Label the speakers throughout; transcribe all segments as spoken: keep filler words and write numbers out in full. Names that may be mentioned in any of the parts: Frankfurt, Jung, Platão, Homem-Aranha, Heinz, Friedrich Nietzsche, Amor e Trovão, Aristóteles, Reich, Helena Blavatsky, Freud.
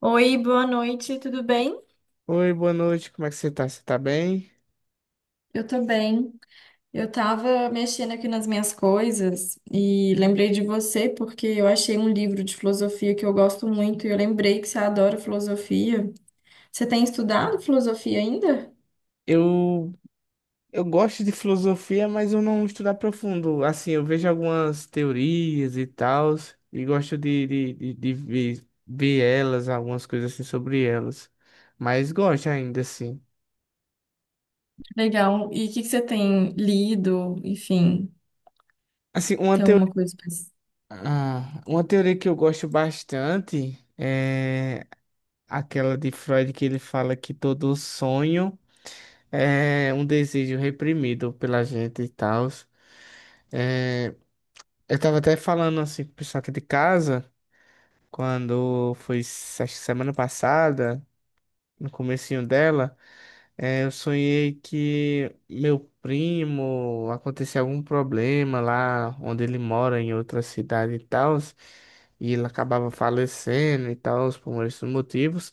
Speaker 1: Oi, boa noite, tudo bem?
Speaker 2: Oi, boa noite, como é que você tá? Você tá bem?
Speaker 1: Eu tô bem. Eu tava mexendo aqui nas minhas coisas e lembrei de você porque eu achei um livro de filosofia que eu gosto muito e eu lembrei que você adora filosofia. Você tem estudado filosofia ainda?
Speaker 2: Eu, eu gosto de filosofia, mas eu não estudo a profundo. Assim, eu vejo algumas teorias e tal, e gosto de, de, de, de ver, ver elas, algumas coisas assim sobre elas. Mas gosto ainda, assim.
Speaker 1: Legal. E o que que você tem lido? Enfim,
Speaker 2: Assim, uma
Speaker 1: tem alguma
Speaker 2: teoria,
Speaker 1: coisa pra...
Speaker 2: ah, uma teoria que eu gosto bastante é aquela de Freud que ele fala que todo sonho é um desejo reprimido pela gente e tal. Eu tava até falando assim com o pessoal aqui de casa, quando foi se- acho que semana passada, no comecinho dela, eh, eu sonhei que meu primo aconteceu algum problema lá onde ele mora, em outra cidade e tal, e ele acabava falecendo e tal, por esses motivos.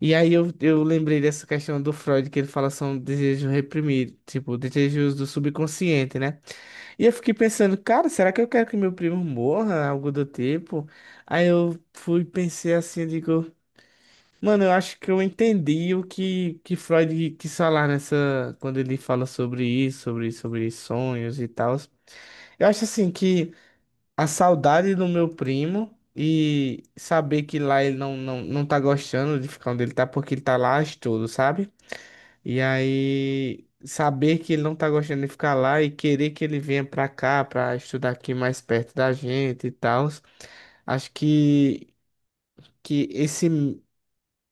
Speaker 2: E aí eu, eu lembrei dessa questão do Freud, que ele fala são desejos reprimidos, tipo, desejos do subconsciente, né? E eu fiquei pensando, cara, será que eu quero que meu primo morra? Algo do tipo. Aí eu fui, e pensei assim, eu digo, mano, eu acho que eu entendi o que, que Freud quis falar nessa, quando ele fala sobre isso, sobre, sobre sonhos e tal. Eu acho assim que a saudade do meu primo e saber que lá ele não, não, não tá gostando de ficar onde ele tá, porque ele tá lá a estudo, sabe? E aí, saber que ele não tá gostando de ficar lá e querer que ele venha pra cá pra estudar aqui mais perto da gente e tal. Acho que, que esse,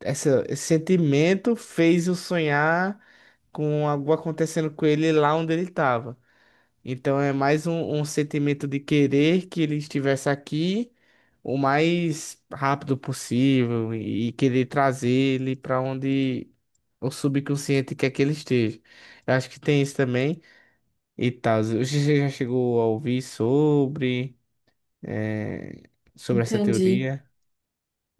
Speaker 2: essa- esse sentimento fez eu sonhar com algo acontecendo com ele lá onde ele tava. Então é mais um, um sentimento de querer que ele estivesse aqui o mais rápido possível e, e querer trazer ele pra onde o subconsciente quer que ele esteja. Eu acho que tem isso também e tal. Você já chegou a ouvir sobre, eh, sobre essa
Speaker 1: Entendi.
Speaker 2: teoria?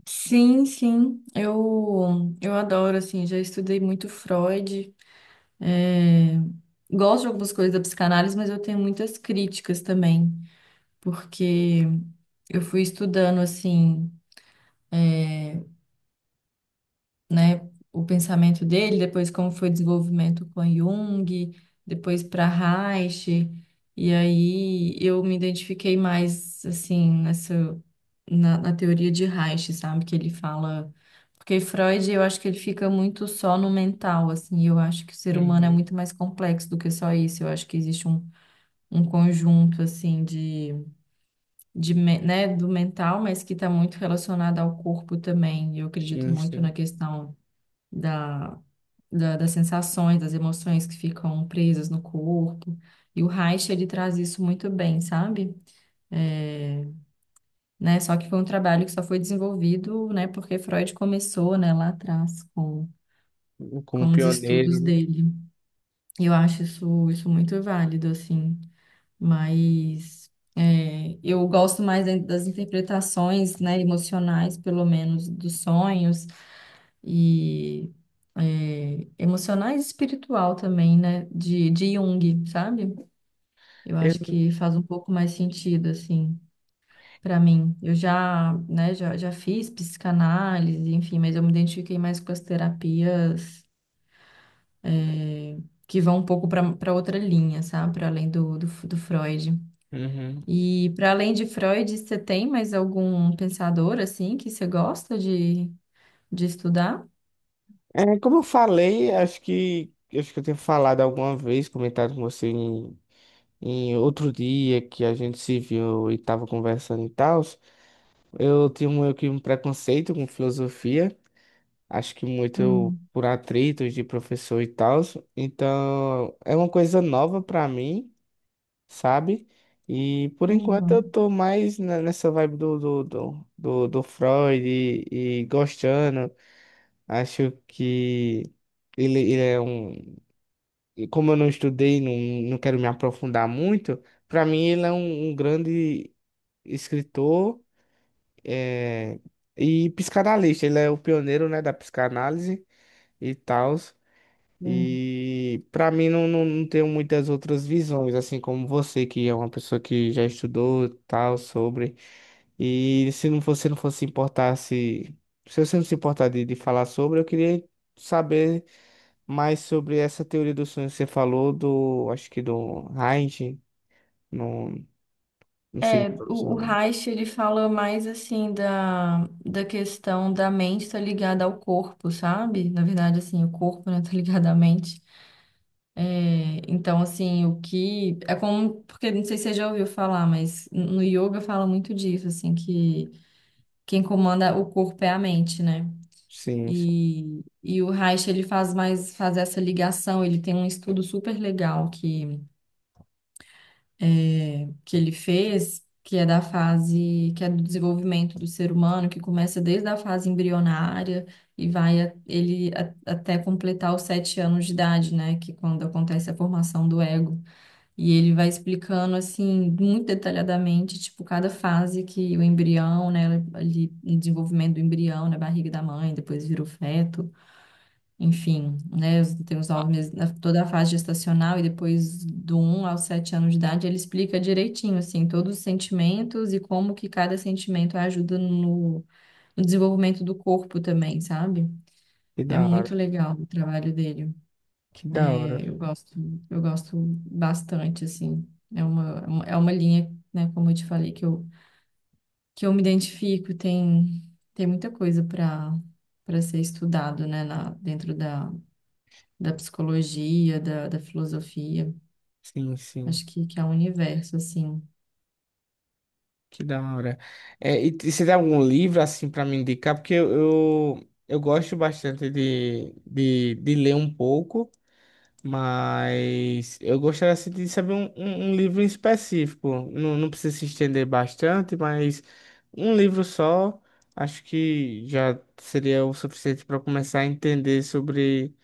Speaker 1: Sim, sim. Eu eu adoro assim, já estudei muito Freud. É, gosto de algumas coisas da psicanálise, mas eu tenho muitas críticas também, porque eu fui estudando assim, né, o pensamento dele, depois como foi o desenvolvimento com Jung, depois para Reich, e aí eu me identifiquei mais assim nessa na, na teoria de Reich, sabe, que ele fala. Porque Freud, eu acho que ele fica muito só no mental, assim. Eu acho que o ser humano é
Speaker 2: Uhum.
Speaker 1: muito mais complexo do que só isso. Eu acho que existe um um conjunto assim de, de me- né, do mental, mas que está muito relacionado ao corpo também. Eu acredito
Speaker 2: Sim,
Speaker 1: muito na
Speaker 2: sim.
Speaker 1: questão da, da- das sensações, das emoções que ficam presas no corpo. E o Reich, ele traz isso muito bem, sabe? É, né, só que foi um trabalho que só foi desenvolvido, né, porque Freud começou, né, lá atrás com,
Speaker 2: Como
Speaker 1: com os
Speaker 2: pioneiro,
Speaker 1: estudos
Speaker 2: né?
Speaker 1: dele. E eu acho isso, isso muito válido, assim. Mas é, eu gosto mais da- das interpretações, né, emocionais, pelo menos, dos sonhos e é, emocionais e espiritual também, né, de, de Jung, sabe? Eu acho
Speaker 2: Eu-
Speaker 1: que faz um pouco mais sentido, assim, para mim. Eu já, né, já, já fiz psicanálise, enfim, mas eu me identifiquei mais com as terapias é, que vão um pouco para para outra linha, sabe? Para além do, do, do Freud.
Speaker 2: Uhum.
Speaker 1: E para além de Freud, você tem mais algum pensador assim que você gosta de, de estudar?
Speaker 2: É, como eu falei, acho que acho que eu tenho falado alguma vez, comentado com você em, em outro dia que a gente se viu e estava conversando e tal. Eu tinha meio que um preconceito com filosofia, acho que muito
Speaker 1: Hum,
Speaker 2: por atritos de professor e tal. Então, é uma coisa nova pra mim, sabe? E por enquanto eu
Speaker 1: uhum,
Speaker 2: tô mais ne- nessa vibe do, do, do, do, do Freud e, e gostando. Acho que ele, ele é um. E como eu não estudei, não, não quero me aprofundar muito, pra mim ele é um um grande escritor. É, e psicanalista, ele é o pioneiro, né, da psicanálise e tal.
Speaker 1: sim.
Speaker 2: E pra mim não, não, não tenho muitas outras visões, assim como você, que é uma pessoa que já estudou tal sobre. E se não fosse, não fosse se importar se, se você não se importar de, de falar sobre, eu queria saber mais sobre essa teoria do sonho que você falou do, acho que do Heinz, não, não sei,
Speaker 1: É,
Speaker 2: se
Speaker 1: o, o Reich, ele fala mais assim da, da questão da mente estar ligada ao corpo, sabe? Na verdade, assim, o corpo, né, tá ligado à mente. É, então, assim, o que... É como... Porque, não sei se você já ouviu falar, mas no yoga fala muito disso, assim, que quem comanda o corpo é a mente, né?
Speaker 2: sim, sim.
Speaker 1: E, e o Reich, ele faz mais, faz essa ligação, ele tem um estudo super legal que, é, que ele fez, que é da fase, que é do desenvolvimento do ser humano, que começa desde a fase embrionária e vai a- ele a- até completar os sete anos de idade, né, que é quando acontece a formação do ego. E ele vai explicando, assim, muito detalhadamente, tipo, cada fase que o embrião, né, ali, o desenvolvimento do embrião na barriga da mãe, depois vira o feto, enfim, né? os- Tem os nove meses, na- toda a fase gestacional e depois do um aos sete anos de idade, ele explica direitinho, assim, todos os sentimentos e como que cada sentimento ajuda no, no, desenvolvimento do corpo também, sabe?
Speaker 2: Que
Speaker 1: É
Speaker 2: da hora,
Speaker 1: muito legal o trabalho dele.
Speaker 2: que da hora,
Speaker 1: É, eu gosto, eu gosto bastante, assim. É uma, é uma linha, né, como eu te falei, que eu, que eu me identifico, tem, tem muita coisa para para ser estudado, né, na, dentro da, da psicologia, da, da filosofia.
Speaker 2: sim, sim.
Speaker 1: Acho que, que é um universo, assim.
Speaker 2: Que da hora. É, e t- você tem algum livro assim para me indicar? Porque eu, eu, eu gosto bastante de, de, de ler um pouco, mas eu gostaria assim, de saber um, um, um livro em específico. Não, não precisa se estender bastante, mas um livro só acho que já seria o suficiente para começar a entender sobre,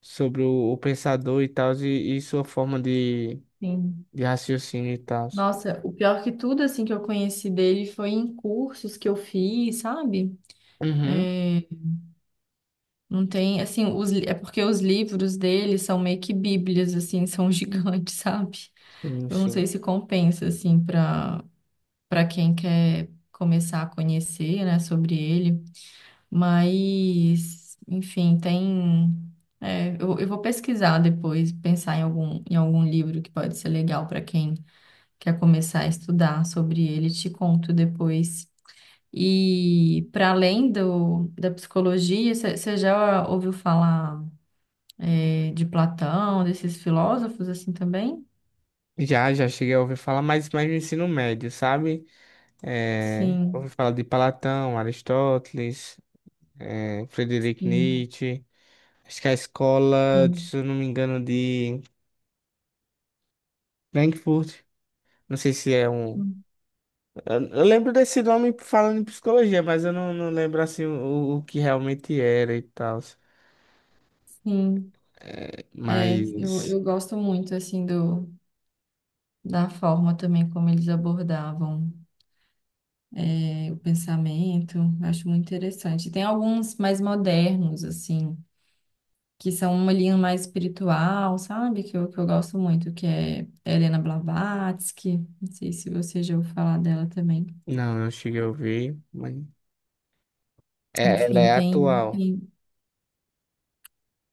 Speaker 2: sobre o, o pensador e tal, e, e sua forma de,
Speaker 1: Sim.
Speaker 2: de raciocínio e tal.
Speaker 1: Nossa, o pior que tudo, assim, que eu conheci dele foi em cursos que eu fiz, sabe?
Speaker 2: Uhum.
Speaker 1: É, não tem, assim, os, li- é porque os livros dele são meio que bíblias, assim, são gigantes, sabe?
Speaker 2: Sim,
Speaker 1: Eu não sei
Speaker 2: sim.
Speaker 1: se compensa, assim, para para quem quer começar a conhecer, né, sobre ele. Mas, enfim, tem. É, eu, eu vou pesquisar depois, pensar em algum, em algum livro que pode ser legal para quem quer começar a estudar sobre ele, te conto depois. E para além do, da psicologia, você já ouviu falar, é, de Platão, desses filósofos assim também?
Speaker 2: Já, já cheguei a ouvir falar, mas mais no ensino médio, sabe? É, ouvi
Speaker 1: Sim,
Speaker 2: falar de Platão, Aristóteles, é, Friedrich
Speaker 1: sim,
Speaker 2: Nietzsche. Acho que a escola,
Speaker 1: sim.
Speaker 2: se eu não me engano, de Frankfurt. Não sei se é um.
Speaker 1: Hum,
Speaker 2: Eu, eu lembro desse nome falando em psicologia, mas eu não, não lembro assim o, o que realmente era e tal.
Speaker 1: sim, é, eu,
Speaker 2: Mas.
Speaker 1: eu gosto muito assim do, da forma também como eles abordavam, né, o pensamento. Eu acho muito interessante. Tem alguns mais modernos, assim, que são uma linha mais espiritual, sabe? Que eu, que eu gosto muito, que é Helena Blavatsky. Não sei se você já ouviu falar dela também.
Speaker 2: Não, não cheguei a ouvir. Mas... É, ela
Speaker 1: Enfim,
Speaker 2: é
Speaker 1: tem,
Speaker 2: atual.
Speaker 1: tem...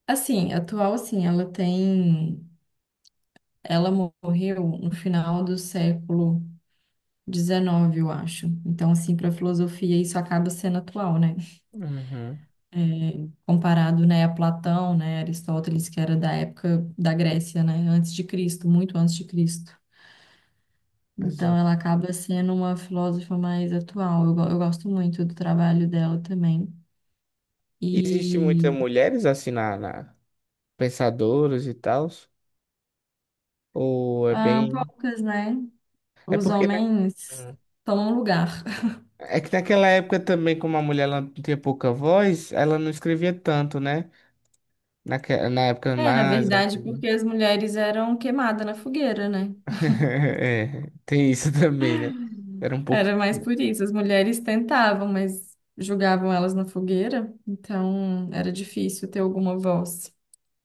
Speaker 1: Assim, atual, assim, ela tem... Ela morreu no final do século dezenove, eu acho. Então, assim, para a filosofia, isso acaba sendo atual, né?
Speaker 2: Uhum,
Speaker 1: Comparado, né, a Platão, né, Aristóteles, que era da época da Grécia, né, antes de Cristo, muito antes de Cristo. Então,
Speaker 2: exato.
Speaker 1: ela acaba sendo uma filósofa mais atual. Eu, go- eu gosto muito do trabalho dela também.
Speaker 2: Existe muitas
Speaker 1: E
Speaker 2: mulheres assim na, na- pensadores e tal? Ou é
Speaker 1: ah,
Speaker 2: bem.
Speaker 1: poucas, né?
Speaker 2: É
Speaker 1: Os
Speaker 2: porque na-
Speaker 1: homens
Speaker 2: Hum.
Speaker 1: tomam lugar.
Speaker 2: É que naquela época também, como a mulher ela tinha pouca voz, ela não escrevia tanto, né? Naque... Na época
Speaker 1: É, na
Speaker 2: mais
Speaker 1: verdade,
Speaker 2: antiga.
Speaker 1: porque as mulheres eram queimadas na fogueira, né?
Speaker 2: É, tem isso também, né? Era um pouco.
Speaker 1: Era mais por isso. As mulheres tentavam, mas jogavam elas na fogueira. Então, era difícil ter alguma voz.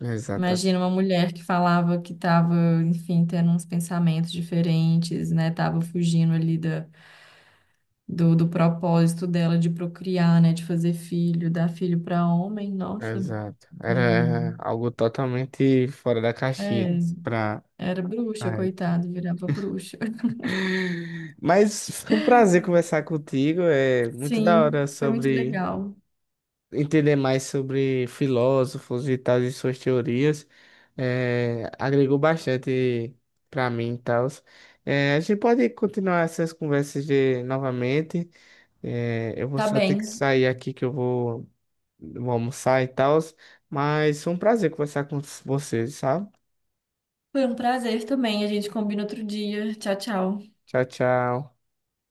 Speaker 2: Exato,
Speaker 1: Imagina uma mulher que falava que estava, enfim, tendo uns pensamentos diferentes, né? Tava fugindo ali da, do, do propósito dela de procriar, né? De fazer filho, dar filho para homem. Nossa,
Speaker 2: exato.
Speaker 1: hum.
Speaker 2: Era algo totalmente fora da
Speaker 1: É,
Speaker 2: caixinha. Pra...
Speaker 1: era bruxa,
Speaker 2: A
Speaker 1: coitado, virava bruxa.
Speaker 2: mas foi um prazer conversar contigo. É muito da
Speaker 1: Sim,
Speaker 2: hora
Speaker 1: foi muito
Speaker 2: sobre...
Speaker 1: legal.
Speaker 2: Entender mais sobre filósofos e tal, e suas teorias, eh, agregou bastante para mim e tal. A gente pode continuar essas conversas de, novamente. Eh, eu vou
Speaker 1: Tá
Speaker 2: só ter que
Speaker 1: bem.
Speaker 2: sair aqui que eu vou, vou almoçar e tal, mas foi um prazer conversar com vocês, sabe?
Speaker 1: Foi um prazer também. A gente combina outro dia. Tchau, tchau.
Speaker 2: Tchau, tchau.